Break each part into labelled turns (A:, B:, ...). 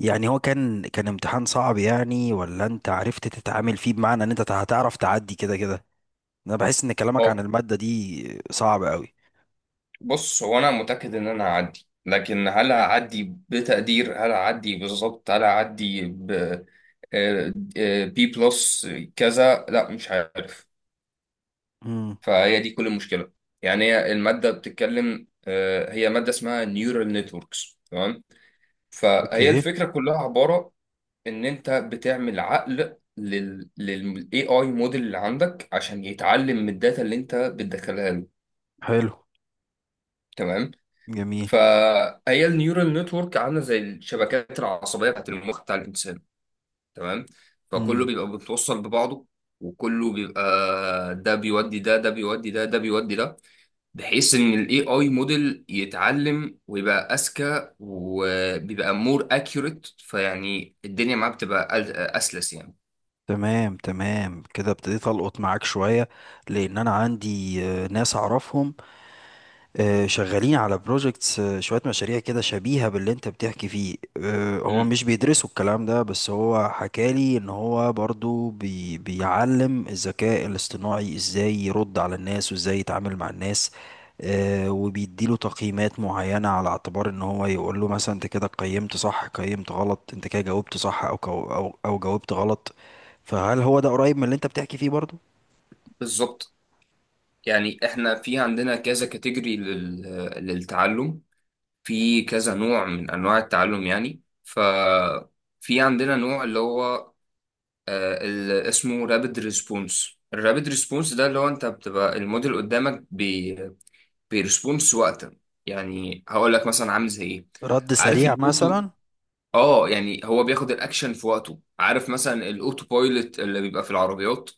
A: يعني هو كان امتحان صعب يعني، ولا انت عرفت تتعامل فيه بمعنى ان انت هتعرف تعدي كده كده؟ انا بحس ان كلامك
B: هو
A: عن المادة دي صعب قوي.
B: بص. هو انا متاكد ان انا هعدي، لكن هل هعدي بتقدير؟ هل هعدي بالظبط؟ هل هعدي بي بلس كذا؟ لا، مش عارف.
A: امم.
B: فهي دي كل المشكله. يعني هي الماده بتتكلم، هي ماده اسمها نيورال نتوركس. تمام. فهي
A: اوكي.
B: الفكره كلها عباره ان انت بتعمل عقل للاي اي موديل اللي عندك عشان يتعلم من الداتا اللي انت بتدخلها له.
A: حلو.
B: تمام.
A: جميل.
B: فهي النيورال نتورك عامله زي الشبكات العصبيه بتاعت المخ بتاع الانسان. تمام. فكله
A: امم.
B: بيبقى متوصل ببعضه، وكله بيبقى ده بيودي ده، ده بيودي ده، ده بيودي ده، بحيث ان الاي اي موديل يتعلم ويبقى اذكى وبيبقى مور اكيوريت. فيعني الدنيا معاه بتبقى اسلس يعني.
A: تمام، تمام، كده ابتديت القط معاك شوية. لان انا عندي ناس اعرفهم، شغالين على بروجكتس، شوية مشاريع كده شبيهة باللي انت بتحكي فيه، هو
B: مم.
A: مش بيدرسوا الكلام ده، بس هو حكالي ان هو برضو بيعلم الذكاء الاصطناعي ازاي يرد على الناس وازاي يتعامل مع الناس. وبيديله تقييمات معينة، على اعتبار ان هو يقول له مثلا انت كده قيمت صح، قيمت غلط، انت كده جاوبت صح او كو- او او جاوبت غلط. فهل هو ده قريب من اللي انت بتحكي فيه برضو؟
B: بالظبط. يعني احنا في عندنا كذا كاتيجوري للتعلم. في كذا نوع من انواع التعلم يعني. ففي عندنا نوع اللي هو اللي اسمه رابid ريسبونس الرابد ريسبونس. ده اللي هو انت بتبقى الموديل قدامك بيرسبونس وقتا. يعني هقول لك مثلا، عامل زي ايه؟
A: رد
B: عارف
A: سريع
B: الاوتو
A: مثلا.
B: اه يعني هو بياخد الاكشن في وقته. عارف مثلا الاوتو بايلوت اللي بيبقى في العربيات؟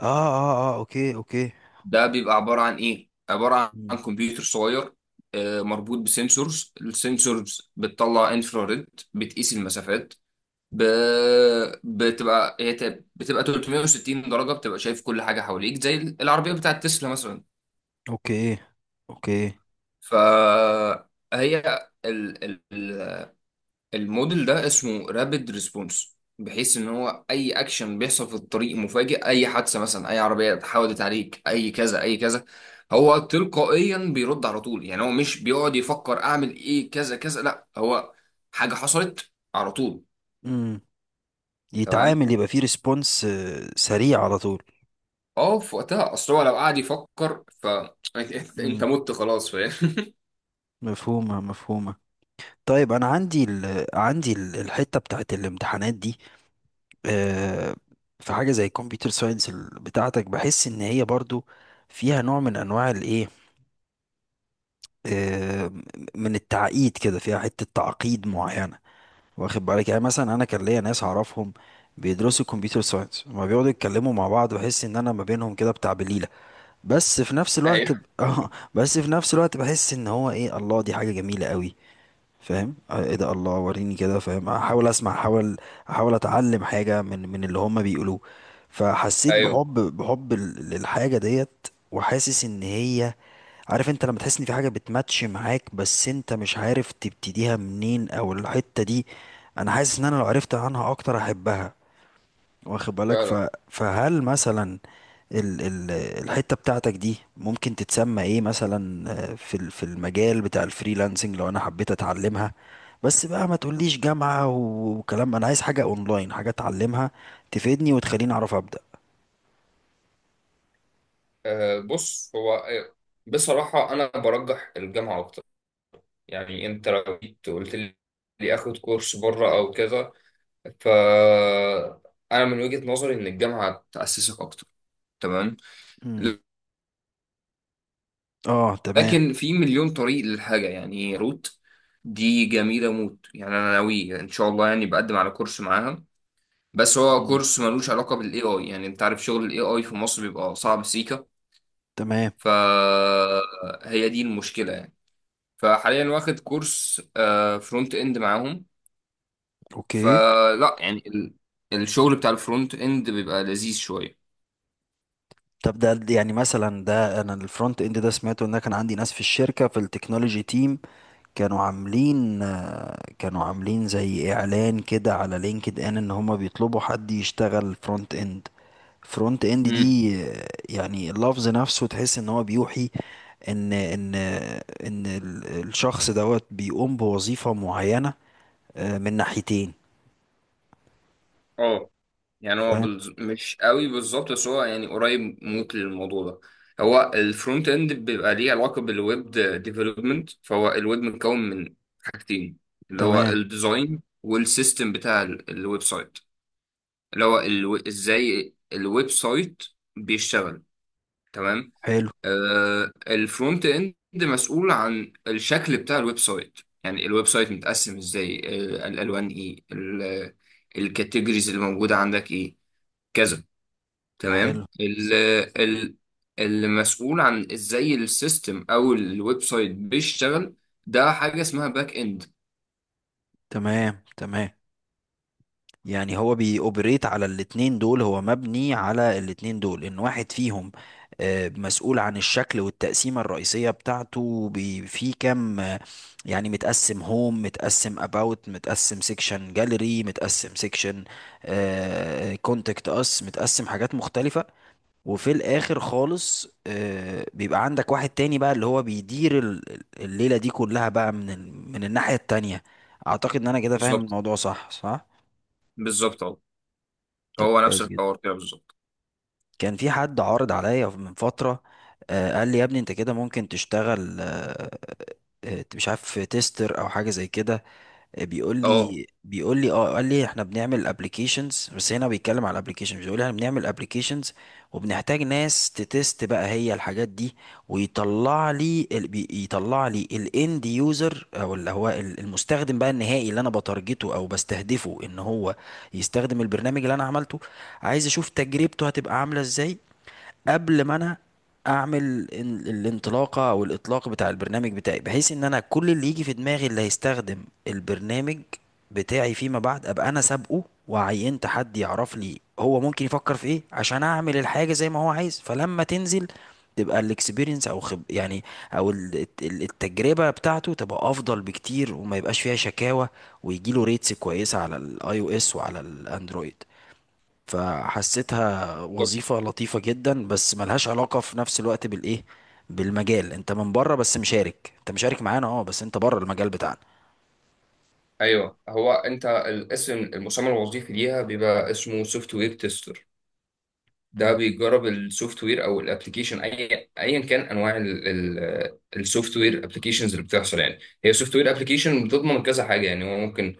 A: اه، اه، اه، اوكي، اوكي.
B: ده بيبقى عبارة عن إيه؟ عبارة عن كمبيوتر صغير مربوط بسنسورز. السنسورز بتطلع انفراريد، بتقيس المسافات، ب... بتبقى 360 درجة، بتبقى شايف كل حاجة حواليك زي العربية بتاعت تسلا مثلا.
A: اوكي. اوكي.
B: فهي الموديل ده اسمه رابيد ريسبونس، بحيث ان هو اي اكشن بيحصل في الطريق مفاجئ، اي حادثه مثلا، اي عربيه اتحودت عليك، اي كذا اي كذا، هو تلقائيا بيرد على طول. يعني هو مش بيقعد يفكر اعمل ايه كذا كذا، لا، هو حاجه حصلت على طول.
A: امم.
B: تمام.
A: يتعامل، يبقى فيه ريسبونس سريع على طول.
B: اه، في وقتها، اصل هو لو قعد يفكر ف انت
A: امم.
B: مت خلاص فاهم.
A: مفهومة، مفهومة. طيب انا عندي الحتة بتاعت الامتحانات دي، آه، في حاجة زي الكمبيوتر ساينس بتاعتك، بحس ان هي برضو فيها نوع من انواع الايه، آه، من التعقيد كده، فيها حتة تعقيد معينة. واخد بالك؟ يعني مثلا انا كان ليا ناس اعرفهم بيدرسوا كمبيوتر ساينس، لما بيقعدوا يتكلموا مع بعض بحس ان انا ما بينهم كده، بتاع بليلة. بس في نفس الوقت
B: ايوه،
A: اه، بس في نفس الوقت بحس ان هو ايه، الله، دي حاجة جميلة قوي. فاهم، ايه ده، الله، وريني كده، فاهم، احاول اسمع، احاول اتعلم حاجة من اللي هما بيقولوه. فحسيت
B: ايوه،
A: بحب للحاجة ديت، وحاسس ان هي. عارف انت لما تحس ان في حاجة بتماتش معاك، بس انت مش عارف تبتديها منين او الحتة دي؟ انا حاسس ان انا لو عرفت عنها اكتر احبها. واخد بالك؟
B: فعلا.
A: فهل مثلا الحتة بتاعتك دي ممكن تتسمى ايه مثلا، في في المجال بتاع الفريلانسنج، لو انا حبيت اتعلمها؟ بس بقى ما تقوليش جامعة وكلام، انا عايز حاجة اونلاين، حاجة اتعلمها تفيدني وتخليني اعرف ابدأ.
B: بص. هو بصراحه انا برجح الجامعه اكتر. يعني انت لو جيت قلت لي اخد كورس بره او كذا، ف انا من وجهة نظري ان الجامعة تأسسك اكتر. تمام.
A: امم. اه، تمام.
B: لكن في مليون طريق للحاجة. يعني روت دي جميلة موت. يعني انا ناوي ان شاء الله يعني بقدم على كورس معاها، بس هو
A: مم.
B: كورس ملوش علاقة بالاي اي. يعني انت عارف شغل الاي اي في مصر بيبقى صعب سيكا.
A: تمام.
B: فهي دي المشكلة يعني. فحاليا واخد كورس فرونت اند معاهم.
A: اوكي.
B: فلا يعني الشغل بتاع الفرونت اند بيبقى لذيذ شوية.
A: طب ده يعني مثلا، ده انا الفرونت اند ده سمعته، ان أنا كان عندي ناس في الشركة في التكنولوجي تيم، كانوا عاملين زي اعلان كده على لينكد ان، ان هما بيطلبوا حد يشتغل فرونت اند
B: امم،
A: دي، يعني اللفظ نفسه تحس ان هو بيوحي ان الشخص دوت بيقوم بوظيفة معينة، من ناحيتين.
B: اه، يعني هو
A: فاهم.
B: مش قوي بالظبط، بس هو يعني قريب موت للموضوع ده. هو الفرونت اند بيبقى ليه علاقة بالويب ديفلوبمنت. فهو الويب متكون من حاجتين، اللي هو
A: تمام.
B: الديزاين والسيستم بتاع الويب سايت، اللي هو ازاي الويب سايت بيشتغل. تمام.
A: حلو.
B: الفرونت اند مسؤول عن الشكل بتاع الويب سايت. يعني الويب سايت متقسم ازاي؟ الالوان ايه؟ الكاتيجوريز اللي موجوده عندك ايه؟ كذا. تمام.
A: حلو.
B: ال ال المسؤول عن ازاي السيستم او الويب سايت بيشتغل، ده حاجه اسمها باك اند.
A: تمام، تمام. يعني هو بيأوبريت على الاتنين دول، هو مبني على الاتنين دول، ان واحد فيهم، مسؤول عن الشكل والتقسيمة الرئيسية بتاعته، في كام، يعني متقسم هوم، متقسم اباوت، متقسم سيكشن جاليري، متقسم سيكشن كونتاكت اس، متقسم حاجات مختلفة. وفي الاخر خالص، بيبقى عندك واحد تاني بقى اللي هو بيدير الليلة دي كلها بقى، من من الناحية التانية. اعتقد ان انا كده فاهم
B: بالظبط،
A: الموضوع، صح، صح.
B: بالظبط اهو.
A: طب
B: هو نفس
A: كويس جدا.
B: الحوار كده بالظبط.
A: كان في حد عارض عليا من فترة، قال لي: يا ابني انت كده ممكن تشتغل، مش عارف، تيستر او حاجة زي كده. بيقول
B: اه،
A: لي بيقول لي اه، قال لي: احنا بنعمل ابلكيشنز، بس هنا بيتكلم على الابلكيشنز، بيقول لي: احنا بنعمل ابلكيشنز وبنحتاج ناس تتست بقى هي الحاجات دي. ويطلع لي ال- بي- يطلع لي الاند يوزر، او اللي هو المستخدم بقى النهائي، اللي انا بتارجته او بستهدفه ان هو يستخدم البرنامج اللي انا عملته. عايز اشوف تجربته هتبقى عاملة ازاي قبل ما انا اعمل الانطلاقه او الاطلاق بتاع البرنامج بتاعي، بحيث ان انا كل اللي يجي في دماغي اللي هيستخدم البرنامج بتاعي فيما بعد، ابقى انا سابقه وعينت حد يعرف لي هو ممكن يفكر في ايه، عشان اعمل الحاجه زي ما هو عايز. فلما تنزل تبقى الاكسبيرينس او خب يعني، او التجربه بتاعته تبقى افضل بكتير وما يبقاش فيها شكاوى، ويجي له ريتس كويسه على الاي او اس وعلى الاندرويد. فحسيتها وظيفة لطيفة جدا، بس ملهاش علاقة في نفس الوقت بالإيه، بالمجال، أنت من بره بس مشارك، أنت مشارك معانا، بس أنت بره المجال بتاعنا.
B: ايوه. هو انت الاسم المسمى الوظيفي ليها بيبقى اسمه سوفت وير تيستر. ده
A: مم.
B: بيجرب السوفت وير او الابلكيشن اي ايا كان، انواع السوفت وير ابلكيشنز اللي بتحصل. يعني هي سوفت وير ابلكيشن بتضمن كذا حاجه. يعني هو ممكن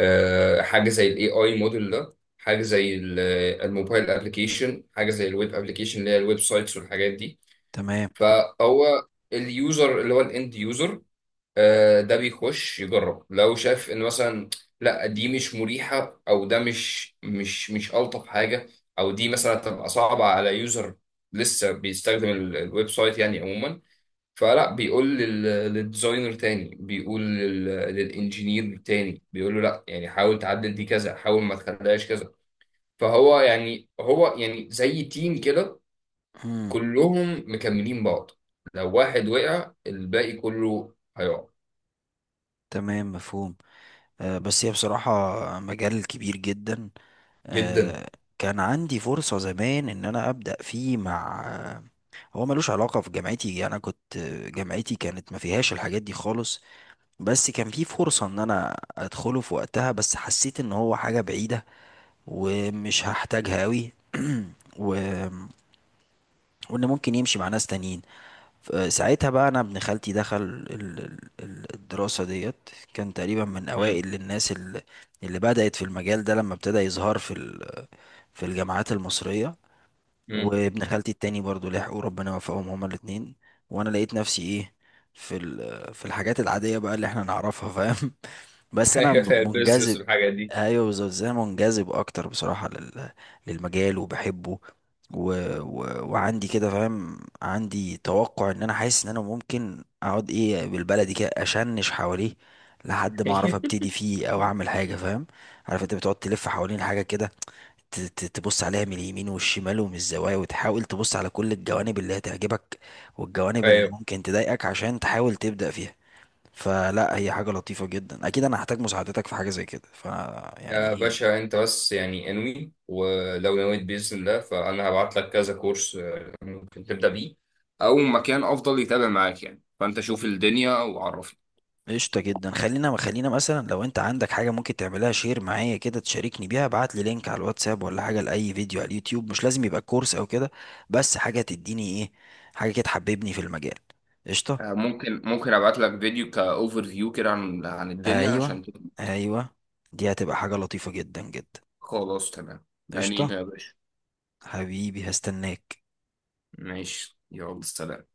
B: حاجه زي الاي اي موديل ده، حاجه زي الموبايل ابلكيشن، حاجه زي الويب ابلكيشن اللي هي الويب سايتس والحاجات دي.
A: تمام.
B: فهو اليوزر اللي هو الاند يوزر، ده بيخش يجرب. لو شاف ان مثلا لا، دي مش مريحه، او ده مش الطف حاجه، او دي مثلا تبقى صعبه على يوزر لسه بيستخدم الويب سايت يعني عموما، فلا بيقول للديزاينر تاني، بيقول للانجينير تاني، بيقول له لا، يعني حاول تعدل دي كذا، حاول ما تخليهاش كذا. فهو يعني هو يعني زي تيم كده،
A: مم.
B: كلهم مكملين بعض. لو واحد وقع الباقي كله هيقع.
A: تمام، مفهوم. آه، بس هي بصراحة مجال كبير جدا.
B: جدا.
A: آه. كان عندي فرصة زمان إن أنا أبدأ فيه مع، هو ملوش علاقة في جامعتي، يعني أنا كنت آه، جامعتي كانت ما فيهاش الحاجات دي خالص. بس كان في فرصة إن أنا أدخله في وقتها، بس حسيت إن هو حاجة بعيدة ومش هحتاجها قوي، و... وان ممكن يمشي مع ناس تانيين. ساعتها بقى، انا ابن خالتي دخل الدراسة ديت، كان تقريبا من اوائل الناس اللي بدأت في المجال ده لما ابتدى يظهر في في الجامعات المصرية.
B: مم.
A: وابن خالتي التاني برضو لحقوا، ربنا وفقهم هما الاتنين. وانا لقيت نفسي ايه، في في الحاجات العادية بقى اللي احنا نعرفها، فاهم، بس انا
B: ايوه، ده البيزنس
A: منجذب.
B: والحاجات دي.
A: ايوه، بالظبط، زي أنا منجذب اكتر بصراحه للمجال وبحبه، و... وعندي كده، فاهم، عندي توقع ان انا حاسس ان انا ممكن اقعد ايه بالبلدي كده، اشنش حواليه لحد ما اعرف ابتدي فيه او اعمل حاجه، فاهم. عارف انت بتقعد تلف حوالين حاجه كده، تبص عليها من اليمين والشمال ومن الزوايا، وتحاول تبص على كل الجوانب اللي هتعجبك والجوانب اللي
B: طيب،
A: ممكن تضايقك عشان تحاول تبدا فيها. فلا، هي حاجة لطيفة جدا، اكيد انا هحتاج مساعدتك في حاجة زي كده، يعني
B: يا
A: ايه.
B: باشا انت بس يعني انوي، ولو نويت باذن الله فانا هبعت لك كذا كورس ممكن تبدا بيه، او مكان افضل يتابع معاك يعني. فانت شوف الدنيا وعرفني.
A: قشطة جدا، خلينا، خلينا مثلا لو انت عندك حاجة ممكن تعملها شير معايا كده، تشاركني بيها، ابعت لي لينك على الواتساب ولا حاجة لأي فيديو على اليوتيوب، مش لازم يبقى كورس او كده، بس حاجة تديني ايه، حاجة كده تحببني في المجال. قشطة.
B: ممكن ابعت لك فيديو كاوفر فيو كده عن الدنيا
A: ايوه،
B: عشان تبقى-
A: ايوه. دي هتبقى حاجة لطيفة جدا جدا.
B: خلاص، تمام يعني
A: قشطة.
B: يا باشا.
A: حبيبي هستناك.
B: ماشي، يلا سلام.